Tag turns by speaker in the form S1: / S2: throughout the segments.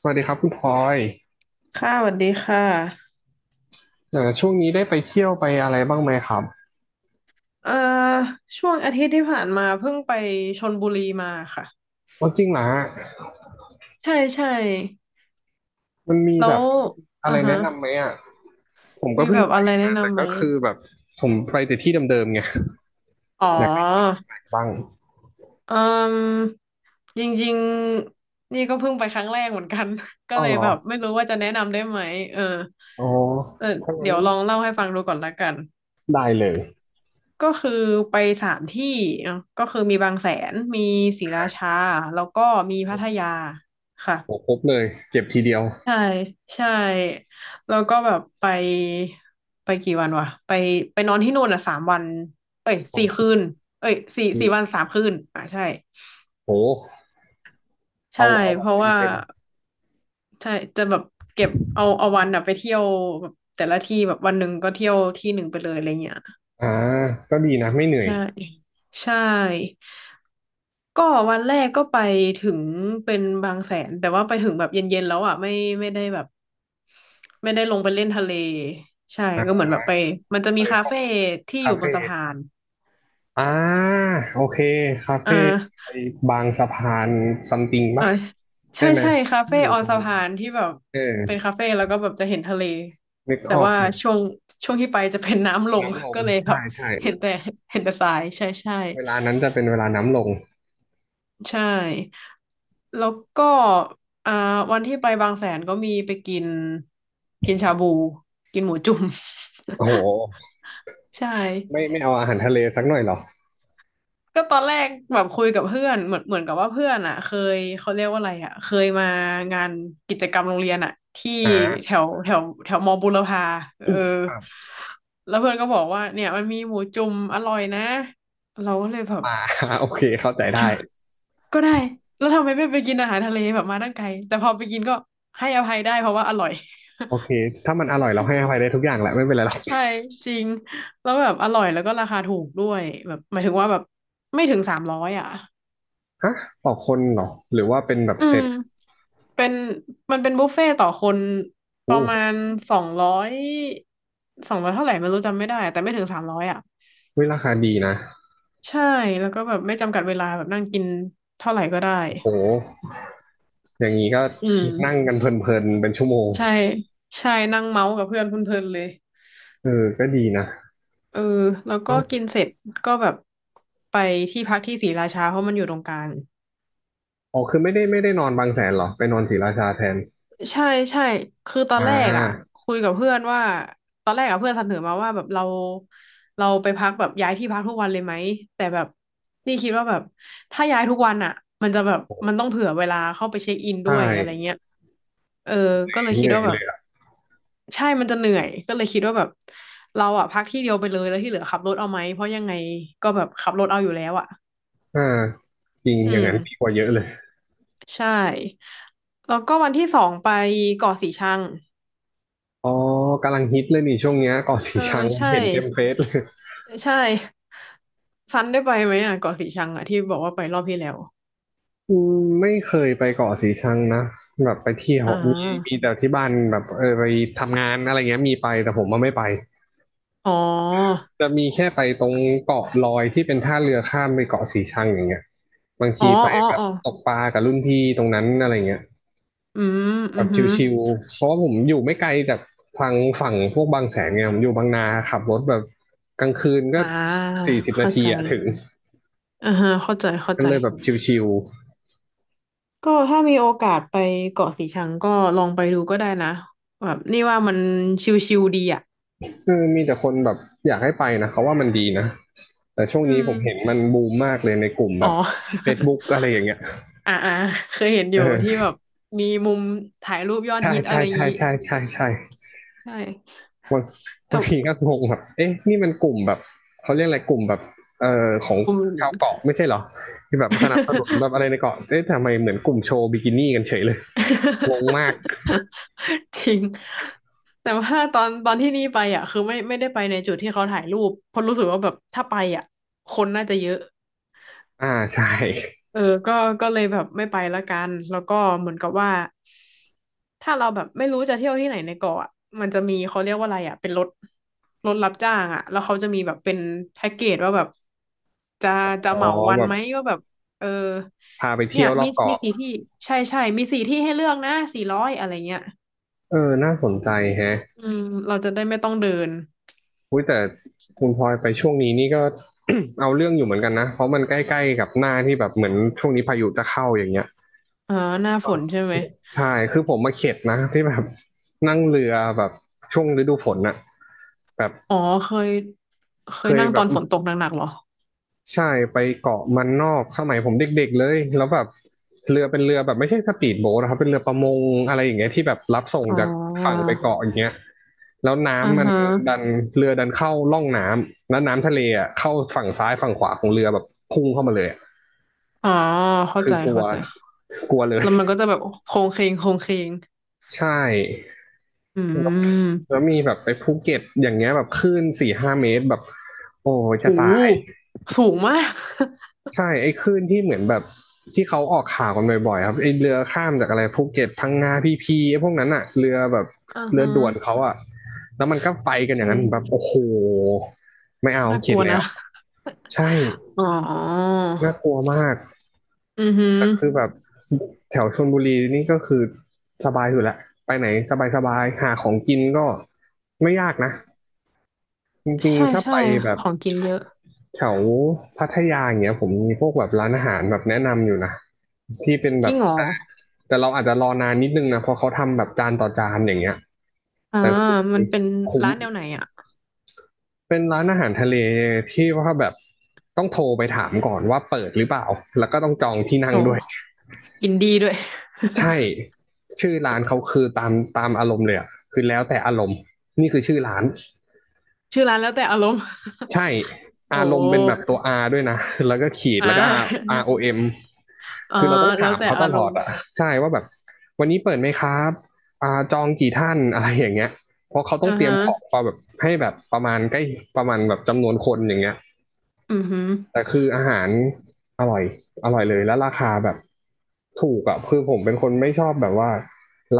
S1: สวัสดีครับคุณพลอย
S2: ค่ะสวัสดีค่ะ
S1: ช่วงนี้ได้ไปเที่ยวไปอะไรบ้างไหมครับ
S2: เอ่อช่วงอาทิตย์ที่ผ่านมาเพิ่งไปชลบุรีมาค่ะ
S1: อ๋อจริงเหรอฮะ
S2: ใช่ใช่
S1: มันมี
S2: แล้
S1: แบ
S2: ว
S1: บอะ
S2: อ่า
S1: ไร
S2: ฮะ
S1: แนะนำไหมอ่ะผมก็
S2: มี
S1: เพิ่
S2: แบ
S1: ง
S2: บ
S1: ไป
S2: อะไรแนะ
S1: มาแต่
S2: นำไหม
S1: ก็คือแบบผมไปแต่ที่เดิมๆไง
S2: อ๋
S1: อยากไป
S2: อ
S1: บ้าง
S2: เอ่มจริงๆนี่ก็เพิ่งไปครั้งแรกเหมือนกัน ก็
S1: อ้าว
S2: เลย
S1: เหรอ
S2: แบบไม่รู้ว่าจะแนะนำได้ไหมเออ
S1: อ๋อ
S2: เออ
S1: ถ้างั้
S2: เดี๋
S1: น
S2: ยวลองเล่าให้ฟังดูก่อนละกัน
S1: ได้เลย
S2: ก็คือไป3 ที่เนาะก็คือมีบางแสน มีศรีราชาแล้วก็มีพัทยาค่ะ
S1: โหครบเลยเก็บทีเดียว
S2: ใช่ใช่แล้วก็แบบไปกี่วันวะไปนอนที่นู่นอ่ะ3 วันเอ้ย
S1: สอง
S2: สี่
S1: คื
S2: คื
S1: น
S2: นเอ้ยสี่วันสามคืนอ่ะใช่
S1: โห
S2: ใช่
S1: เอาแบ
S2: เพ
S1: บ
S2: ราะ
S1: เต็ม
S2: ว่า
S1: เต็ม
S2: ใช่จะแบบเก็บเอาวันอ่ะไปเที่ยวแบบแต่ละที่แบบวันหนึ่งก็เที่ยวที่หนึ่งไปเลยอะไรเงี้ย
S1: อ่าก็ดีนะไม่เหนื่อย
S2: ใช่ใช่ก็วันแรกก็ไปถึงเป็นบางแสนแต่ว่าไปถึงแบบเย็นๆแล้วอ่ะไม่ได้แบบ ไม่ได้ลงไปเล่นทะเลใช่ก็
S1: อ่า
S2: เหมือนแบบไปมันจะ
S1: ไป
S2: มีคา
S1: พวก
S2: เฟ่ที่อ
S1: คา
S2: ยู่บน
S1: เฟ่
S2: สะพาน
S1: อ่าโอเคคา
S2: อ่
S1: เฟ่
S2: า
S1: ไอ้บางสะพานซัมติงปะ
S2: อ่าใช่
S1: ใช่ไหม
S2: ใช่คา
S1: ที่
S2: เฟ่
S1: อยู่
S2: ออ
S1: ต
S2: น
S1: รง
S2: สะพานที่แบบ
S1: เออ
S2: เป็นคาเฟ่แล้วก็แบบจะเห็นทะเล
S1: นึก
S2: แต่
S1: ออก
S2: ว่า
S1: อยู่
S2: ช่วงช่วงที่ไปจะเป็นน้ำลง
S1: น้ำล ง
S2: ก็เลยแบ
S1: ใช่
S2: บ
S1: ใช่
S2: เห็นแต่เห็นแต่ทรายใช่ใช่
S1: เวลานั้นจะเป็นเวลาน้ำลง
S2: ใช่แล้วก็อ่าวันที่ไปบางแสนก็มีไปกินกินชาบูกินหมูจุ่ม
S1: โอ้โห
S2: ใช่
S1: ไม่ไม่เอาอาหารทะเลสักหน่อยเหรอ
S2: ก็ตอนแรกแบบคุยกับเพื่อนเหมือนกับว่าเพื่อนอ่ะเคยเขาเรียกว่าอะไรอ่ะเคยมางานกิจกรรมโรงเรียนอ่ะที่
S1: อ
S2: แถ
S1: ่า
S2: วแถวแถวมอบุรพาเออ
S1: ครับ
S2: แล้วเพื่อนก็บอกว่าเนี่ยมันมีหมูจุ่มอร่อยนะเราก็เลยแบบ
S1: ปลา โอเคเข้าใจ
S2: ท
S1: ได้
S2: ำก็ได้แล้วทำไมไม่ไปกินอาหารทะเลแบบมาตั้งไกลแต่พอไปกินก็ให้อภัยได้เพราะว่าอร่อย
S1: โอเค ถ้ามันอร่อยเราให้อภัยได้ทุกอย่างแหละไม่เป็นไรหรอก
S2: ใช่จริงแล้วแบบอร่อยแล้วก็ราคาถูกด้วยแบบหมายถึงว่าแบบไม่ถึงสามร้อยอ่ะ
S1: ฮะต่อคนเหรอหรือว่าเป็นแบบ
S2: อื
S1: เซ็
S2: ม
S1: ต
S2: เป็นมันเป็นบุฟเฟ่ตต่อคนประมาณสองร้อยสองร้อยเท่าไหร่ไม่รู้จำไม่ได้แต่ไม่ถึงสามร้อยอ่ะ
S1: เฮ้ยราคาดีนะ
S2: ใช่แล้วก็แบบไม่จำกัดเวลาแบบนั่งกินเท่าไหร่ก็ได้
S1: โอ้โหอย่างนี้ก็
S2: อื
S1: นั่ง
S2: ม
S1: กันเพลินๆเป็นชั่วโมง
S2: ใช่ใช่นั่งเมาส์กับเพื่อนเพลินๆเลย
S1: เออก็ดีนะ
S2: เออแล้ว
S1: โอ
S2: ก็
S1: ้
S2: กินเสร็จก็แบบไปที่พักที่ศรีราชาเพราะมันอยู่ตรงกลาง
S1: อ๋อคือไม่ได้นอนบางแสนเหรอไปนอนศรีราชาแทน
S2: ใช่ใช่ คือตอ
S1: อ่
S2: นแรกอ่ะ
S1: า
S2: คุยกับเพื่อนว่าตอนแรกอ่ะเพื่อนเสนอมาว่าแบบเราไปพักแบบย้ายที่พักทุกวันเลยไหมแต่แบบนี่คิดว่าแบบถ้าย้ายทุกวันอ่ะมันจะแบบมันต้องเผื่อเวลาเข้าไปเช็คอิน
S1: ใช
S2: ด้วยอะไร
S1: ่
S2: เงี้ยเออก็เลย
S1: เห
S2: คิด
S1: นื่อ
S2: ว่า
S1: ย
S2: แบ
S1: เล
S2: บ
S1: ยอ่ะ
S2: ใช่มันจะเหนื่อยก็เลยคิดว่าแบบเราอ่ะพักที่เดียวไปเลยแล้วที่เหลือขับรถเอาไหมเพราะยังไงก็แบบขับรถเอาอยู่แล้วอ่ะ
S1: อ่าจริง
S2: อื
S1: อย่าง
S2: ม
S1: นั้นดีกว่าเยอะเลย
S2: ใช่แล้วก็วันที่สองไปเกาะสีชัง
S1: อ๋อกำลังฮิตเลยนี่ช่วงเนี้ยเกาะสี
S2: เออ
S1: ชัง
S2: ใช่
S1: เห็นเต็มเฟซเลย
S2: ใช่ ซันได้ไปไหมอ่ะเกาะสีชังอ่ะที่บอกว่าไปรอบที่แล้ว
S1: อืมไม่เคยไปเกาะสีชังนะแบบไปเที่ยว
S2: อ่
S1: มีมี
S2: า
S1: แต่ที่บ้านแบบเออไปทำงานอะไรเงี้ยมีไปแต่ผมมาไม่ไป
S2: อ๋อ
S1: จะมีแค่ไปตรงเกาะลอยที่เป็นท่าเรือข้ามไปเกาะสีชังอย่างเงี้ยบาง
S2: อ๋อ
S1: ทีไป
S2: อ๋อ
S1: แบบ
S2: อ๋อ
S1: ตกปลากับรุ่นพี่ตรงนั้นอะไรเงี้ย
S2: อืม
S1: แบ
S2: อือ
S1: บ
S2: หือ
S1: ชิวๆ เพราะว่าผมอยู่ไม่ไกลจากทางฝั่งพวกบางแสนไงผมอยู่บางนาขับรถแบบกลางคืนก็
S2: อ่า
S1: สี่สิบนา
S2: เข้า
S1: ที
S2: ใจ
S1: อะถึง
S2: อ่าฮะเข้าใจเข้า
S1: ก็
S2: ใจ
S1: เลยแบบชิว
S2: ก็ถ้ามีโอกาสไปเกาะสีชังก็ลองไปดูก็ได้นะแบบนี่ว่ามันชิลๆดีอ่ะ
S1: ๆคือมีแต่คนแบบอยากให้ไปนะเขาว่ามันดีนะแต่ช่วง
S2: อื
S1: นี้
S2: ม
S1: ผมเห็นมันบูมมากเลยในกลุ่มแบ
S2: อ๋อ
S1: บ Facebook อะไรอย่างเงี้ย
S2: อ่าอ่าเคยเห็นอยู่ที่
S1: เออ
S2: แบบมีมุมถ่ายรูปยอด
S1: ใช่
S2: ฮิตอะ
S1: ใช่
S2: ไรอย่าง
S1: ใช่
S2: งี้
S1: ใช่ใช่ใช่
S2: ใช่
S1: บาง บางที
S2: แต่
S1: ก็งงแบบเอ๊ะนี่มันกลุ่มแบบเขาเรียกอะไรกลุ่มแบบของ
S2: ผม
S1: ชาวเกาะไม่ใช่เหรอที่แบบสนับสนุนแบ บอะไรในเกาะเอ๊ะทำไมเหมือนกลุ่มโชว์บิกินี่กันเฉยเลย งงมาก
S2: จริงแต่ว่าตอนที่นี่ไปอ่ะคือไม่ได้ไปในจุดที่เขาถ่ายรูปเพราะรู้สึกว่าแบบถ้าไปอ่ะคนน่าจะเยอะ
S1: อ่าใช่
S2: เออก็ก็เลยแบบไม่ไปละกันแล้วก็เหมือนกับว่าถ้าเราแบบไม่รู้จะเที่ยวที่ไหนในเกาะอะมันจะมีเขาเรียกว่าอะไรอ่ะเป็นรถรถรับจ้างอ่ะแล้วเขาจะมีแบบเป็นแพ็กเกจว่าแบบจะจะ
S1: อ๋อ
S2: เหมาวัน
S1: แบบ
S2: ไหมว่าแบบเออ
S1: พาไป
S2: เนี่
S1: เที่
S2: ย
S1: ยวรอ
S2: มี
S1: บ
S2: มี
S1: เกาะ
S2: สี่ที่ใช่ใช่มีสี่ที่ให้เลือกนะ400อะไรเงี้ย
S1: เออน่าสนใจแฮะ
S2: อืมเราจะได้ไม่ต้องเดิน
S1: อุ้ยแต่คุณพลอยไปช่วงนี้นี่ก็ เอาเรื่องอยู่เหมือนกันนะเพราะมันใกล้ๆกับหน้าที่แบบเหมือนช่วงนี้พายุจะเข้าอย่างเงี้ย
S2: อ่าหน้าฝนใช่ไหม
S1: ใช่คือผมมาเข็ดนะที่แบบนั่งเรือแบบช่วงฤดูฝนน่ะแบบ
S2: อ๋อเคยเค
S1: เค
S2: ย
S1: ย
S2: นั่ง
S1: แบ
S2: ตอ
S1: บ
S2: นฝนตกหนักๆเหรอ
S1: ใช่ไปเกาะมันนอกสมัยผมเด็กๆเลยแล้วแบบเรือเป็นเรือแบบไม่ใช่สปีดโบ๊ทนะครับเป็นเรือประมงอะไรอย่างเงี้ยที่แบบรับส่ง
S2: อ๋
S1: จากฝั่ง
S2: อ
S1: ไปเกาะอย่างเงี้ยแล้ว
S2: อ่า
S1: น้ำมัน
S2: ฮะ
S1: ดันเรือดันเข้าล่องน้ำแล้วน้ำทะเลอ่ะเข้าฝั่งซ้ายฝั่งขวาของเรือแบบพุ่งเข้ามาเลยอะ
S2: อ๋อเข้า
S1: คื
S2: ใจ
S1: อกลัว
S2: เข้าใจ
S1: กลัวเลย
S2: แล้วมันก็จะแบบโค้งเคงโค้งเคง
S1: ใช่
S2: อื
S1: แล้วแล้
S2: ม
S1: วมีแบบไปภูเก็ตอย่างเงี้ยแบบคลื่น4-5 เมตรแบบโอ้ยจะ
S2: โ
S1: ตาย
S2: หสูงมาก
S1: ใช่ไอ้คลื่นที่เหมือนแบบที่เขาออกข่าวกันบ่อยๆครับไอ้เรือข้ามจากอะไรภูเก็ตพังงาพีพีไอ้พวกนั้นอะเรือแบบ
S2: อ่า
S1: เรือ
S2: ฮะ
S1: ด่วนเขาอะแล้วมันก็ไป
S2: เข้า
S1: กันอ
S2: ใจ
S1: ย่างนั้นแบบโอ้โหไม่เอา
S2: น่าก
S1: เข็ด
S2: ลัว
S1: แล้
S2: นะ
S1: วใช่
S2: อ๋อ
S1: น่ากลัวมาก
S2: อือหือ
S1: แต่คือแบบแถวชลบุรีนี่ก็คือสบายอยู่แล้วไปไหนสบายๆหาของกินก็ไม่ยากนะ จริง
S2: ใช่
S1: ๆ ถ้าไป
S2: ใช่
S1: แบบ
S2: ของกินเยอะ
S1: แถวพัทยาอย่างเงี้ยผมมีพวกแบบร้านอาหารแบบแนะนำอยู่นะที่เป็นแบ
S2: จริ
S1: บ
S2: งเหรอ
S1: แต่แต่เราอาจจะรอนานนิดนึงนะเพราะเขาทำแบบจานต่อจานอย่างเงี้ย
S2: อ่า
S1: แต่คือ
S2: มันเป็น
S1: คุ้ม
S2: ร้านแนวไหนอ่ะ
S1: เป็นร้านอาหารทะเลที่ว่าแบบต้องโทรไปถามก่อนว่าเปิดหรือเปล่าแล้วก็ต้องจองที่นั่งด้วย
S2: โอ้กินดีด้วย
S1: ใช่ชื่อร้านเขาคือตามอารมณ์เลยอะคือแล้วแต่อารมณ์นี่คือชื่อร้าน
S2: ชื่อร้านแล้วแต่อารมณ์
S1: ใช่
S2: โอ
S1: อารมณ์เป็นแบบ
S2: ้
S1: ตัว R ด้วยนะ แล้วก็ขีด
S2: อ่
S1: แล้วก็ R
S2: า
S1: ROM
S2: อ่า
S1: คือเราต้อง
S2: แล้
S1: ถา
S2: ว
S1: ม
S2: แต่
S1: เขา
S2: อา
S1: ต
S2: ร
S1: ลอ
S2: ม
S1: ด
S2: ณ์
S1: อ่ะใช่ว่าแบบวันนี้เปิดไหมครับอ่าจองกี่ท่านอะไรอย่างเงี้ยเพราะเขาต้อ
S2: อ่า
S1: งเตรีย
S2: ฮะ
S1: มของมาแบบให้แบบประมาณใกล้ประมาณแบบจำนวนคนอย่างเงี้ย
S2: อือหือ
S1: แต่คืออาหารอร่อยอร่อยเลยแล้วราคาแบบถูกอ่ะคือผมเป็นคนไม่ชอบแบบว่า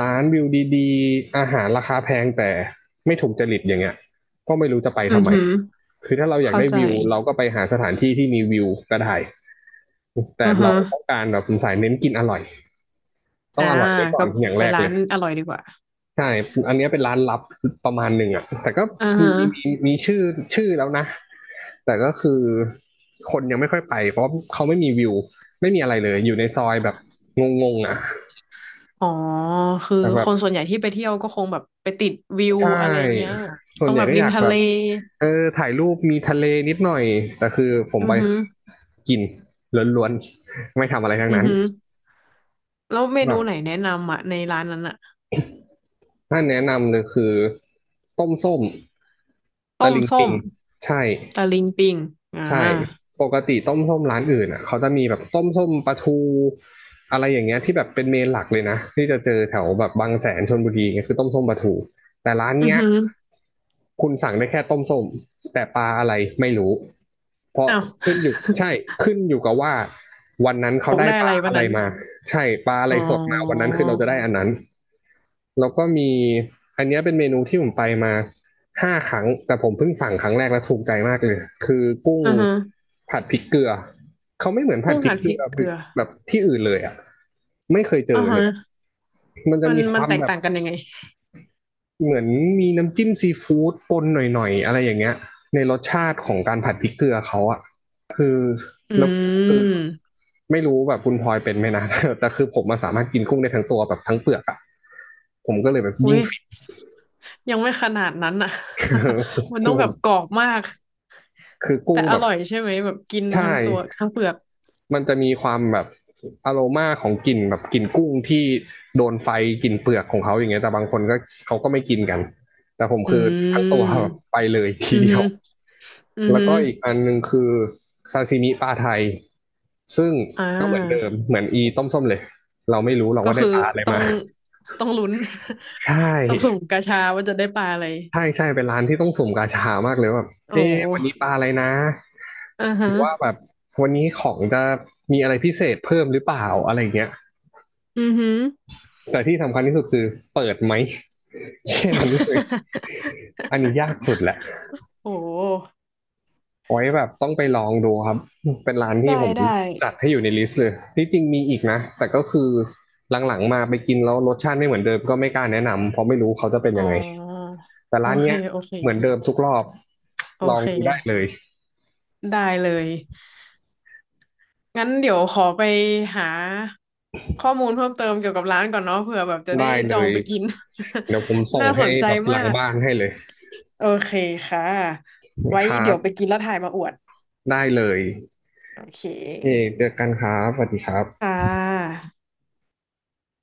S1: ร้านวิวดีๆอาหารราคาแพงแต่ไม่ถูกจริตอย่างเงี้ยก็ไม่รู้จะไป
S2: อื
S1: ทำ
S2: อ
S1: ไม
S2: หือ
S1: คือถ้าเราอยาก
S2: เข้า
S1: ได้
S2: ใจ
S1: วิวเราก็ไปหาสถานที่ที่มีวิวก็ได้แต่
S2: อ่า
S1: เรา
S2: ฮะ
S1: ต้องการแบบสายเน้นกินอร่อยต้อ
S2: อ่า
S1: งอร่อยไว้ก่อ
S2: ก็
S1: นอย่าง
S2: ไป
S1: แรก
S2: ร้า
S1: เล
S2: น
S1: ย
S2: อร่อยดีกว่า
S1: ใช่อันเนี้ยเป็นร้านลับประมาณหนึ่งอ่ะแต่ก็
S2: อ่าฮะ
S1: มีมีมีชื่อแล้วนะแต่ก็คือคนยังไม่ค่อยไปเพราะเขาไม่มีวิวไม่มีอะไรเลยอยู่ในซอยแบบงงๆอ่ะ
S2: อ๋อคือ
S1: แต่แบ
S2: ค
S1: บ
S2: นส่วนใหญ่ที่ไปเที่ยวก็คงแบบไปติดวิว
S1: ใช่
S2: อะไรเงี้ย
S1: ส่
S2: ต้
S1: วน
S2: อง
S1: ใหญ่
S2: แบบ
S1: ก็
S2: ริ
S1: อ
S2: ม
S1: ยาก
S2: ทะ
S1: แบ
S2: เล
S1: บเออถ่ายรูปมีทะเลนิดหน่อยแต่คือผม
S2: อื
S1: ไป
S2: อหือ
S1: คือกินล้วนๆไม่ทำอะไรทั้ง
S2: อือ
S1: นั้น
S2: หือแล้วเมนู
S1: แบบ
S2: ไหนแนะนำอ่ะในร้านนั้นอ่ะ
S1: ถ้าแนะนำเลยคือต้มส้ม
S2: ต้
S1: ตะ
S2: ม
S1: ลิง
S2: ส้
S1: ปิง
S2: ม
S1: ใช่
S2: ตะลิงปิงอ่
S1: ใช่
S2: า
S1: ปกติต้มส้มร้านอื่นอ่ะเขาจะมีแบบต้มส้มปลาทูอะไรอย่างเงี้ยที่แบบเป็นเมนหลักเลยนะที่จะเจอแถวแบบบางแสนชลบุรีเงี้ยคือต้มส้มปลาทูแต่ร้าน
S2: อือ
S1: เนี้ย
S2: หือ
S1: คุณสั่งได้แค่ต้มส้มแต่ปลาอะไรไม่รู้เพราะ
S2: อ้าว
S1: ขึ้นอยู่ใช่ ขึ้นอยู่กับว่าวันนั้นเขา
S2: ตก
S1: ได้
S2: ได้
S1: ป
S2: อะไร
S1: ลา
S2: วั
S1: อะ
S2: น
S1: ไร
S2: นั้น
S1: มาใช่ปลาอะ
S2: อ๋
S1: ไร
S2: อ
S1: สดมาวันนั้นคือเราจะได้อันนั้นแล้วก็มีอันเนี้ยเป็นเมนูที่ผมไปมา 5 ครั้งแต่ผมเพิ่งสั่งครั้งแรกแล้วถูกใจมากเลยคือกุ้ง
S2: อือฮะ
S1: ผัดพริกเกลือเขาไม่เหมือนผัด
S2: กุ้ง
S1: พริก
S2: หั่น
S1: เก
S2: พ
S1: ลื
S2: ริก
S1: อ
S2: เกลือ
S1: แบบที่อื่นเลยอ่ะไม่เคยเจ
S2: อือ
S1: อเล
S2: ฮะ
S1: ยมันจะ
S2: มัน
S1: มีค
S2: มัน
S1: วาม
S2: แตก
S1: แบบ
S2: ต่างกันยังไง
S1: เหมือนมีน้ำจิ้มซีฟู้ดปนหน่อยๆอะไรอย่างเงี้ยในรสชาติของการผัดพริกเกลือเขาอ่ะคือ
S2: อื
S1: แล้วกุ้งคือ
S2: ม
S1: ไม่รู้แบบคุณพลอยเป็นไหมนะ แต่คือผมมันสามารถกินกุ้งได้ทั้งตัวแบบทั้งเปลือกอ่ะผมก็เลยแบบ
S2: อุ้
S1: ยิ่ง
S2: ย
S1: ฟิน
S2: ยังไม่ขนาดนั้นอ่ะ มั น
S1: คื
S2: ต้
S1: อ
S2: อง
S1: ผ
S2: แบ
S1: ม
S2: บกรอบมาก
S1: คือกุ้
S2: แต่
S1: ง
S2: อ
S1: แบบ
S2: ร่อยใช่ไหมแบบกินไป
S1: ใช่
S2: ทั้งตัวทั้งเปลือก
S1: มันจะมีความแบบอโรมาของกลิ่นแบบกลิ่นกุ้งที่โดนไฟกลิ่นเปลือกของเขาอย่างเงี้ยแต่บางคนก็เขาก็ไม่กินกันแต่ผม
S2: อื
S1: คือทั้งตัวแบบไป
S2: ม
S1: เลยที
S2: อือ
S1: เดีย
S2: ฮึ
S1: ว
S2: อือ
S1: แล้ว
S2: ฮึ
S1: ก็อีกอันหนึ่งคือซาซิมิปลาไทยซึ่ง
S2: อ่
S1: ก็เหมือนเดิ
S2: า
S1: มเหมือนอีต้มส้มเลยเราไม่รู้หรอก
S2: ก็
S1: ว่าได้
S2: คือ
S1: ปลาอะไร
S2: ต้อ
S1: มา
S2: งต้องลุ้น
S1: ใช
S2: ต้องสุ่ม
S1: ่
S2: กาชาว่าจะได้ปลาอะไร
S1: ใช่ใช่เป็นร้านที่ต้องสุ่มกาชามากเลยว่าแบบ
S2: โอ
S1: เอ๊ะวันนี้
S2: ้
S1: ปลาอะไรนะ
S2: อือ
S1: ห
S2: ฮะ
S1: รือว่าแบบวันนี้ของจะมีอะไรพิเศษเพิ่มหรือเปล่าอะไรเงี้ย
S2: อือฮึ
S1: แต่ที่สำคัญที่สุดคือเปิดไหม แค่นั้นเลยอันนี้ยาก สุดแหละ
S2: โอ้
S1: ไว้แบบต้องไปลองดูครับเป็นร้านที่
S2: ได้
S1: ผม
S2: ได้
S1: จัดให้อยู่ในลิสต์เลยที่จริงมีอีกนะแต่ก็คือหลังๆมาไปกินแล้วรสชาติไม่เหมือนเดิมก็ไม่กล้าแนะนำเพราะไม่รู้เขาจะเป็น
S2: อ๋อ
S1: ยังไงแต่
S2: โอ
S1: ร้าน
S2: เค
S1: เนี้ย
S2: โอเค
S1: เหมือนเดิมทุกรอบ
S2: โอ
S1: ลอง
S2: เค
S1: ดูได้เลย
S2: ได้เลยงั้นเดี๋ยวขอไปหาข้อมูลเพิ่มเติมเกี่ยวกับร้านก่อนเนาะเผื่อแบบจะได้
S1: ได้
S2: จ
S1: เล
S2: อง
S1: ย
S2: ไปกิน
S1: เดี๋ยวผม ส่ง
S2: น่าส
S1: ให้
S2: นใจ
S1: แบบห
S2: มา
S1: ลัง
S2: ก
S1: บ้านให้เลย
S2: โอเคค่ะไว้
S1: ครั
S2: เดี๋ยวไป
S1: บ
S2: กินแล้วถ่ายมาอวด
S1: ได้เลย
S2: โอเค
S1: เเจอกันครับสวัสดีครับ
S2: ค่ะ